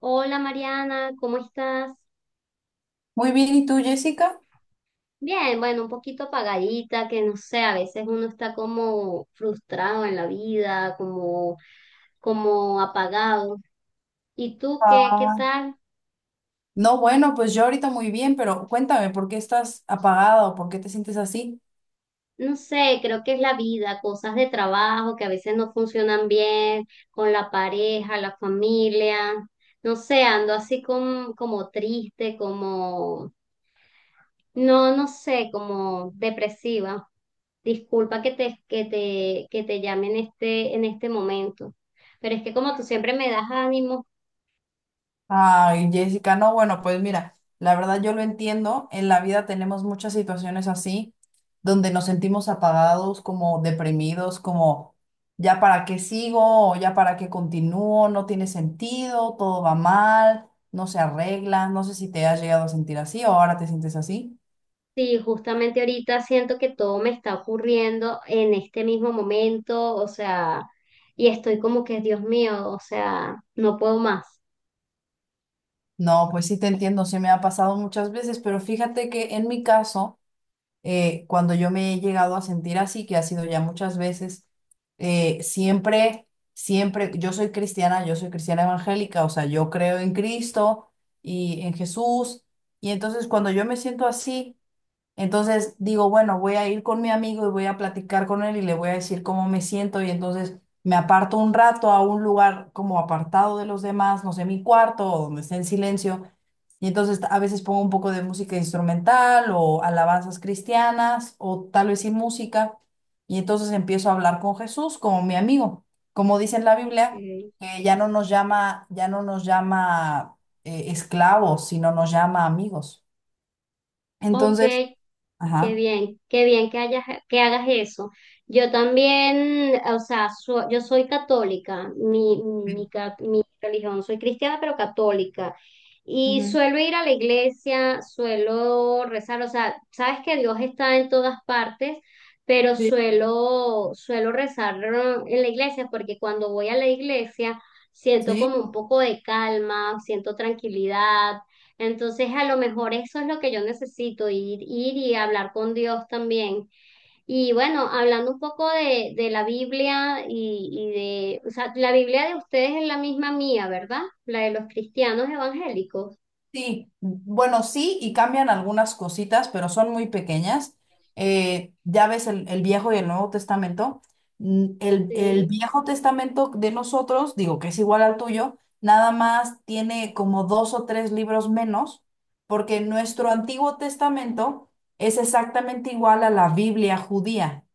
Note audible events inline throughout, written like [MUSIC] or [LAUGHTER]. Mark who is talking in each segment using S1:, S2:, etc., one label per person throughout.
S1: Hola Mariana, ¿cómo estás?
S2: Muy bien, ¿y tú, Jessica?
S1: Bien, bueno, un poquito apagadita, que no sé, a veces uno está como frustrado en la vida, como, como apagado. ¿Y tú qué
S2: Ah,
S1: tal?
S2: no, bueno, pues yo ahorita muy bien, pero cuéntame, ¿por qué estás apagada o por qué te sientes así?
S1: No sé, creo que es la vida, cosas de trabajo que a veces no funcionan bien, con la pareja, la familia. No sé, ando así como triste, no sé, como depresiva. Disculpa que te llame en este momento, pero es que como tú siempre me das ánimo.
S2: Ay, Jessica, no, bueno, pues mira, la verdad yo lo entiendo, en la vida tenemos muchas situaciones así, donde nos sentimos apagados, como deprimidos, como ya para qué sigo o ya para qué continúo, no tiene sentido, todo va mal, no se arregla, no sé si te has llegado a sentir así o ahora te sientes así.
S1: Sí, justamente ahorita siento que todo me está ocurriendo en este mismo momento, o sea, y estoy como que, Dios mío, o sea, no puedo más.
S2: No, pues sí te entiendo, sí me ha pasado muchas veces, pero fíjate que en mi caso, cuando yo me he llegado a sentir así, que ha sido ya muchas veces, siempre, siempre, yo soy cristiana evangélica, o sea, yo creo en Cristo y en Jesús, y entonces cuando yo me siento así, entonces digo, bueno, voy a ir con mi amigo y voy a platicar con él y le voy a decir cómo me siento, y entonces me aparto un rato a un lugar como apartado de los demás, no sé, mi cuarto o donde esté en silencio y entonces a veces pongo un poco de música instrumental o alabanzas cristianas o tal vez sin música. Y entonces empiezo a hablar con Jesús como mi amigo. Como dice en la
S1: Ok.
S2: Biblia, que ya no nos llama esclavos, sino nos llama amigos.
S1: Ok.
S2: Entonces, ajá.
S1: Qué bien que hagas eso. Yo también, o sea, yo soy católica, mi religión, soy cristiana pero católica. Y
S2: Ujú.
S1: suelo ir a la iglesia, suelo rezar, o sea, sabes que Dios está en todas partes, pero
S2: Sí,
S1: suelo rezar, ¿no? En la iglesia, porque cuando voy a la iglesia siento
S2: sí.
S1: como un poco de calma, siento tranquilidad, entonces, a lo mejor eso es lo que yo necesito, ir y hablar con Dios también. Y bueno, hablando un poco de la Biblia y o sea, la Biblia de ustedes es la misma mía, ¿verdad? La de los cristianos evangélicos.
S2: Sí, bueno, sí, y cambian algunas cositas, pero son muy pequeñas. Ya ves el Viejo y el Nuevo Testamento. El
S1: Sí.
S2: Viejo Testamento de nosotros, digo que es igual al tuyo, nada más tiene como dos o tres libros menos, porque nuestro Antiguo Testamento es exactamente igual a la Biblia judía,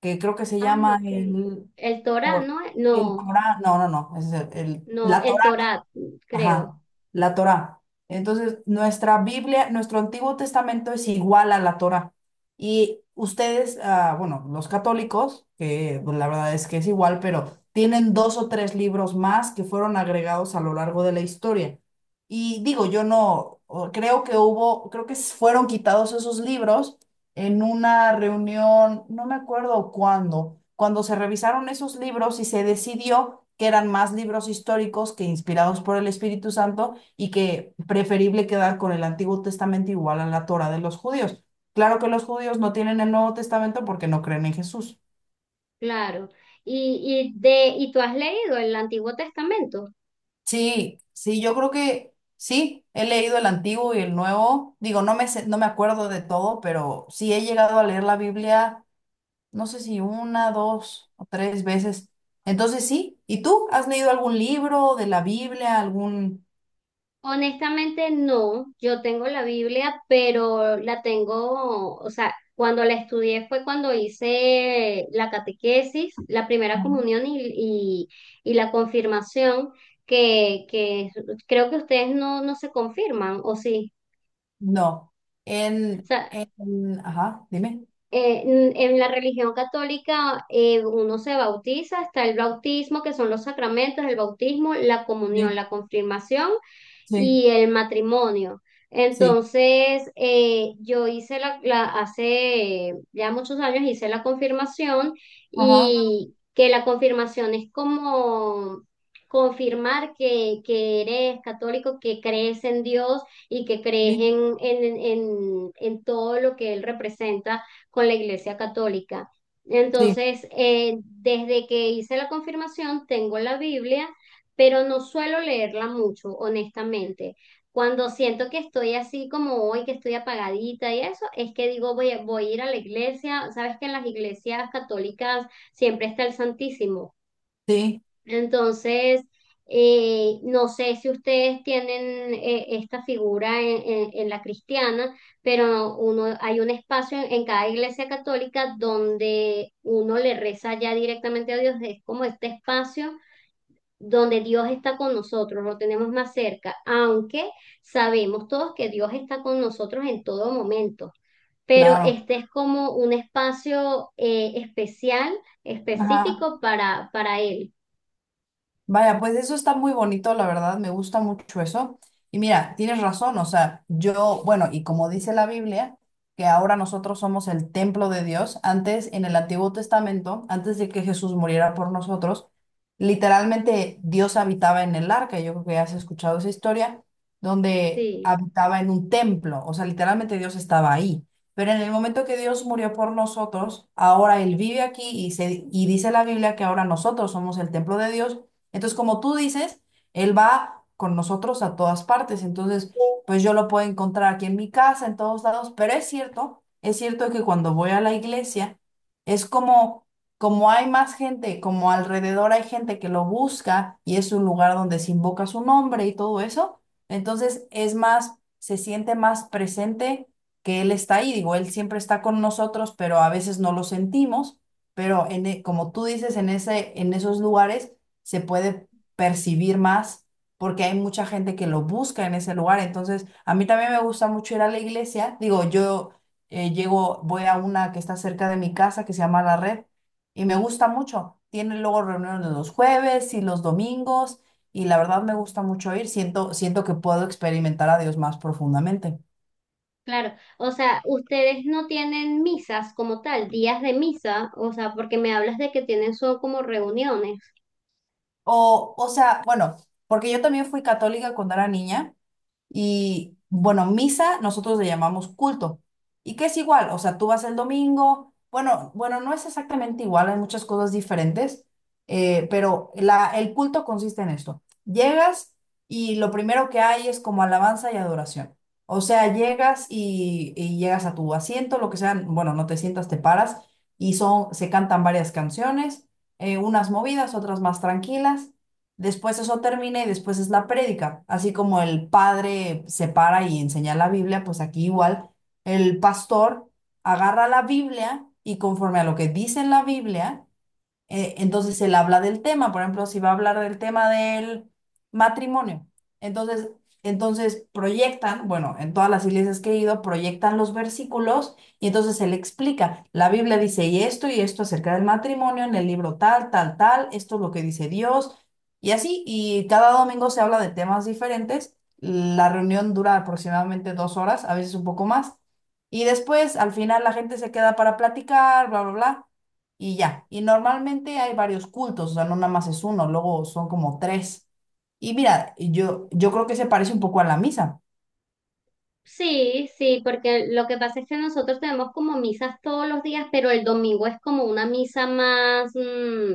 S2: que creo que se
S1: Ah,
S2: llama
S1: ok.
S2: el,
S1: El Torá,
S2: Cor-
S1: ¿no?
S2: el
S1: No,
S2: Corán, no, no, no, es
S1: no,
S2: la,
S1: el Torá, creo,
S2: ajá, la Torá. Entonces, nuestra Biblia, nuestro Antiguo Testamento es igual a la Torá. Y ustedes, ah, bueno, los católicos, que pues, la verdad es que es igual, pero tienen dos o tres libros más que fueron agregados a lo largo de la historia. Y digo, yo no, o- creo que hubo, creo que s- fueron quitados esos libros en una reunión, no me acuerdo cuándo, cuando se revisaron esos libros y se decidió que eran más libros históricos que inspirados por el Espíritu Santo y que preferible quedar con el Antiguo Testamento igual a la Torá de los judíos. Claro que los judíos no tienen el Nuevo Testamento porque no creen en Jesús.
S1: claro. ¿Y tú has leído el Antiguo Testamento?
S2: Sí, sí, yo creo que sí, he leído el Antiguo y el Nuevo. Digo, no me acuerdo de todo, pero sí he llegado a leer la Biblia no sé si una, dos o tres veces. Entonces sí. ¿Y tú has leído algún libro de la Biblia, algún...
S1: Honestamente no, yo tengo la Biblia, pero la tengo, o sea, cuando la estudié fue cuando hice la catequesis, la primera comunión y la confirmación, que creo que ustedes no se confirman, ¿o sí?
S2: No.
S1: O
S2: En...
S1: sea,
S2: Ajá, dime.
S1: en la religión católica, uno se bautiza, está el bautismo, que son los sacramentos, el bautismo, la comunión,
S2: Sí,
S1: la confirmación
S2: sí,
S1: y el matrimonio.
S2: sí,
S1: Entonces, yo hice hace ya muchos años hice la confirmación,
S2: ajá,
S1: y que la confirmación es como confirmar que eres católico, que crees en Dios y que crees
S2: sí,
S1: en todo lo que Él representa, con la Iglesia Católica.
S2: sí,
S1: Entonces, desde que hice la confirmación, tengo la Biblia pero no suelo leerla mucho, honestamente. Cuando siento que estoy así como hoy, que estoy apagadita y eso, es que digo, voy a ir a la iglesia. Sabes que en las iglesias católicas siempre está el Santísimo.
S2: sí,
S1: Entonces, no sé si ustedes tienen, esta figura en la cristiana, pero uno, hay un espacio en cada iglesia católica donde uno le reza ya directamente a Dios. Es como este espacio donde Dios está con nosotros, lo tenemos más cerca, aunque sabemos todos que Dios está con nosotros en todo momento. Pero
S2: claro.
S1: este es como un espacio, especial,
S2: Ajá.
S1: específico para Él.
S2: Vaya, pues eso está muy bonito, la verdad, me gusta mucho eso. Y mira, tienes razón, o sea, yo, bueno, y como dice la Biblia, que ahora nosotros somos el templo de Dios, antes en el Antiguo Testamento, antes de que Jesús muriera por nosotros, literalmente Dios habitaba en el arca, yo creo que ya has escuchado esa historia, donde
S1: Sí,
S2: habitaba en un templo, o sea, literalmente Dios estaba ahí. Pero en el momento que Dios murió por nosotros, ahora Él vive aquí y dice la Biblia que ahora nosotros somos el templo de Dios, entonces, como tú dices, él va con nosotros a todas partes. Entonces, pues yo lo puedo encontrar aquí en mi casa, en todos lados. Pero es cierto que cuando voy a la iglesia, es como hay más gente, como alrededor hay gente que lo busca y es un lugar donde se invoca su nombre y todo eso. Entonces, es más, se siente más presente que él está ahí. Digo, él siempre está con nosotros, pero a veces no lo sentimos. Pero como tú dices, en esos lugares se puede percibir más porque hay mucha gente que lo busca en ese lugar. Entonces, a mí también me gusta mucho ir a la iglesia. Digo, yo llego, voy a una que está cerca de mi casa que se llama La Red y me gusta mucho. Tienen luego reuniones los jueves y los domingos y la verdad me gusta mucho ir. Siento que puedo experimentar a Dios más profundamente.
S1: claro. O sea, ustedes no tienen misas como tal, días de misa, o sea, porque me hablas de que tienen son como reuniones.
S2: O sea, bueno, porque yo también fui católica cuando era niña. Y bueno, misa nosotros le llamamos culto. ¿Y qué es igual? O sea, tú vas el domingo, bueno, bueno, no es exactamente igual, hay muchas cosas diferentes, pero el culto consiste en esto. Llegas y lo primero que hay es como alabanza y adoración. O sea, llegas y llegas a tu asiento, lo que sea, bueno, no te sientas, te paras y se cantan varias canciones, unas movidas, otras más tranquilas. Después eso termina y después es la prédica. Así como el padre se para y enseña la Biblia, pues aquí igual el pastor agarra la Biblia y conforme a lo que dice en la Biblia, entonces él habla del tema, por ejemplo, si va a hablar del tema del matrimonio. Entonces, entonces proyectan, bueno, en todas las iglesias que he ido, proyectan los versículos y entonces él explica, la Biblia dice y esto acerca del matrimonio, en el libro tal, tal, tal, esto es lo que dice Dios y así, y cada domingo se habla de temas diferentes. La reunión dura aproximadamente 2 horas, a veces un poco más. Y después, al final, la gente se queda para platicar, bla, bla, bla y ya. Y normalmente hay varios cultos, o sea, no nada más es uno, luego son como tres. Y mira, yo creo que se parece un poco a la misa.
S1: Sí, sí, porque lo que pasa es que nosotros tenemos como misas todos los días, pero el domingo es como una misa más, mm,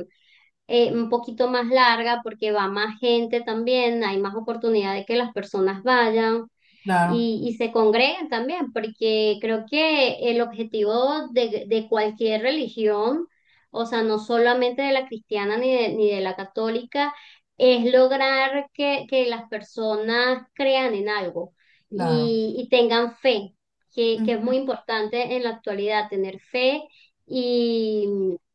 S1: un poquito más larga porque va más gente también, hay más oportunidad de que las personas vayan
S2: Claro,
S1: y, se congregan también, porque creo que el objetivo de cualquier religión, o sea, no solamente de la cristiana ni de la católica, es lograr que las personas crean en algo
S2: claro.
S1: y, tengan fe, que
S2: Ujú,
S1: es muy importante en la actualidad, tener fe. Y,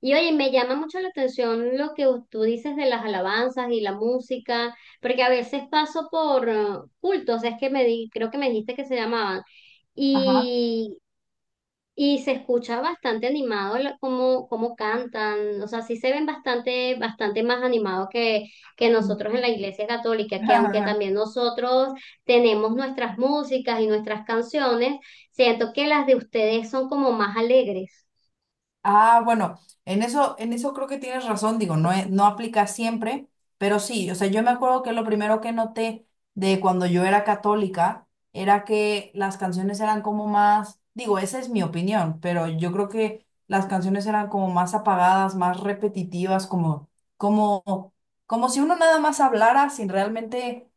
S1: y oye, me llama mucho la atención lo que tú dices de las alabanzas y la música porque a veces paso por cultos, es que me di, creo que me dijiste que se llamaban,
S2: ajá.
S1: y, y se escucha bastante animado, cómo, cómo cantan, o sea, sí se ven bastante, bastante más animados que nosotros en la Iglesia Católica, que aunque
S2: [LAUGHS]
S1: también nosotros tenemos nuestras músicas y nuestras canciones, siento que las de ustedes son como más alegres.
S2: Ah, bueno, en eso creo que tienes razón, digo, no, no aplica siempre, pero sí, o sea, yo me acuerdo que lo primero que noté de cuando yo era católica era que las canciones eran como más, digo, esa es mi opinión, pero yo creo que las canciones eran como más apagadas, más repetitivas, como, como si uno nada más hablara sin realmente,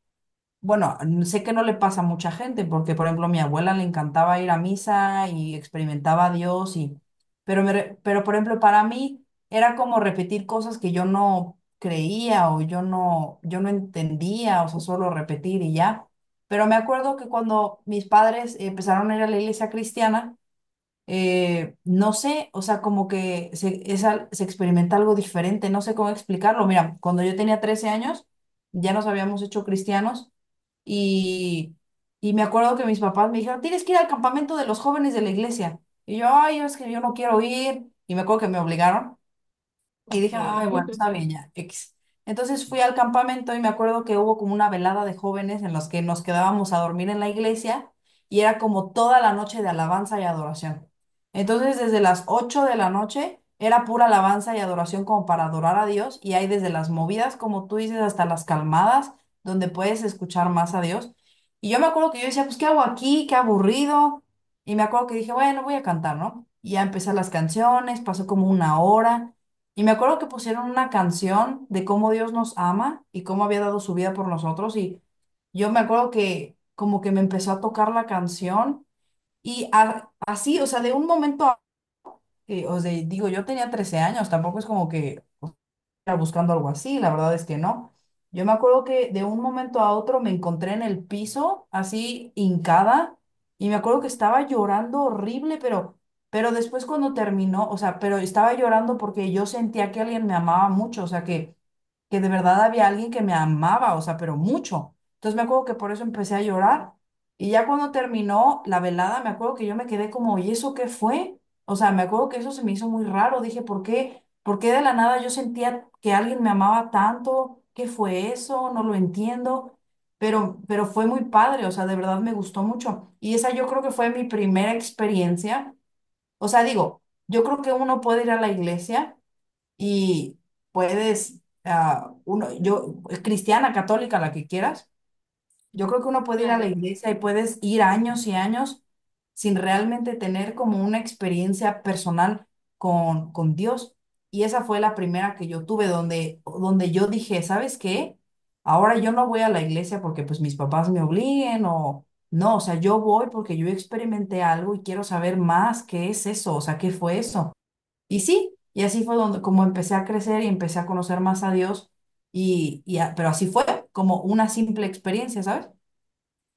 S2: bueno, sé que no le pasa a mucha gente, porque por ejemplo a mi abuela le encantaba ir a misa y experimentaba a Dios y, pero pero por ejemplo para mí era como repetir cosas que yo no creía o yo no entendía, o sea, solo repetir y ya. Pero me acuerdo que cuando mis padres empezaron a ir a la iglesia cristiana, no sé, o sea, como que se, es al- se experimenta algo diferente, no sé cómo explicarlo. Mira, cuando yo tenía 13 años, ya nos habíamos hecho cristianos y, y me acuerdo que mis papás me dijeron, tienes que ir al campamento de los jóvenes de la iglesia. Y yo, ay, es que yo no quiero ir. Y me acuerdo que me obligaron. Y
S1: Ok.
S2: dije, ay, bueno, está
S1: [LAUGHS]
S2: bien ya, X. Entonces fui al campamento y me acuerdo que hubo como una velada de jóvenes en los que nos quedábamos a dormir en la iglesia y era como toda la noche de alabanza y adoración. Entonces desde las 8 de la noche era pura alabanza y adoración como para adorar a Dios y hay desde las movidas, como tú dices, hasta las calmadas, donde puedes escuchar más a Dios. Y yo me acuerdo que yo decía, pues, ¿qué hago aquí? Qué aburrido. Y me acuerdo que dije, bueno, voy a cantar, ¿no? Y ya empecé las canciones, pasó como una hora. Y me acuerdo que pusieron una canción de cómo Dios nos ama y cómo había dado su vida por nosotros. Y yo me acuerdo que como que me empezó a tocar la canción así, o sea, de un momento a o sea, digo, yo tenía 13 años, tampoco es como que buscando algo así, la verdad es que no. Yo me acuerdo que de un momento a otro me encontré en el piso, así hincada, y me acuerdo que estaba llorando horrible, pero después cuando terminó, o sea, pero estaba llorando porque yo sentía que alguien me amaba mucho, o sea, que de verdad había alguien que me amaba, o sea, pero mucho. Entonces me acuerdo que por eso empecé a llorar. Y ya cuando terminó la velada, me acuerdo que yo me quedé como, ¿y eso qué fue? O sea, me acuerdo que eso se me hizo muy raro. Dije, ¿por qué? ¿Por qué de la nada yo sentía que alguien me amaba tanto? ¿Qué fue eso? No lo entiendo. Pero fue muy padre, o sea, de verdad me gustó mucho. Y esa yo creo que fue mi primera experiencia. O sea, digo, yo creo que uno puede ir a la iglesia y puedes, ah, uno, yo, cristiana, católica, la que quieras, yo creo que uno puede ir a la
S1: Claro.
S2: iglesia y puedes ir años y años sin realmente tener como una experiencia personal con Dios. Y esa fue la primera que yo tuve donde yo dije, ¿sabes qué? Ahora yo no voy a la iglesia porque pues mis papás me obliguen o no, o sea, yo voy porque yo experimenté algo y quiero saber más qué es eso, o sea, qué fue eso. Y sí, y así fue donde como empecé a crecer y empecé a conocer más a Dios, pero así fue como una simple experiencia, ¿sabes?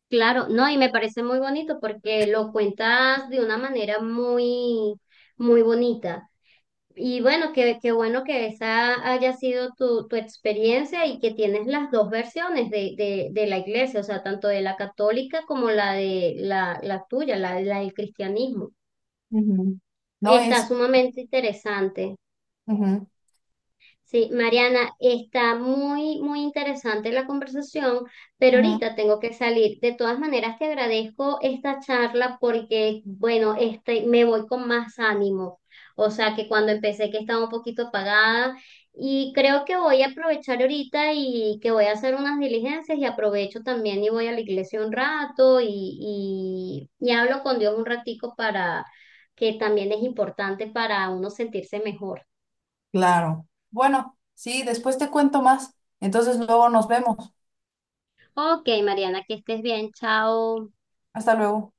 S1: Claro, no, y me parece muy bonito porque lo cuentas de una manera muy, muy bonita. Y bueno, qué bueno que esa haya sido tu experiencia y que tienes las dos versiones de la iglesia, o sea, tanto de la católica como la de la tuya, la del cristianismo.
S2: Ujú. No
S1: Está
S2: es.
S1: sumamente interesante.
S2: Ujú,
S1: Sí, Mariana, está muy interesante la conversación, pero
S2: ujú,
S1: ahorita tengo que salir. De todas maneras, te agradezco esta charla porque, bueno, este, me voy con más ánimo. O sea, que cuando empecé que estaba un poquito apagada y creo que voy a aprovechar ahorita y que voy a hacer unas diligencias y aprovecho también y voy a la iglesia un rato y hablo con Dios un ratico, para que también es importante para uno sentirse mejor.
S2: claro. Bueno, sí, después te cuento más. Entonces luego nos vemos.
S1: Ok, Mariana, que estés bien. Chao.
S2: Hasta luego.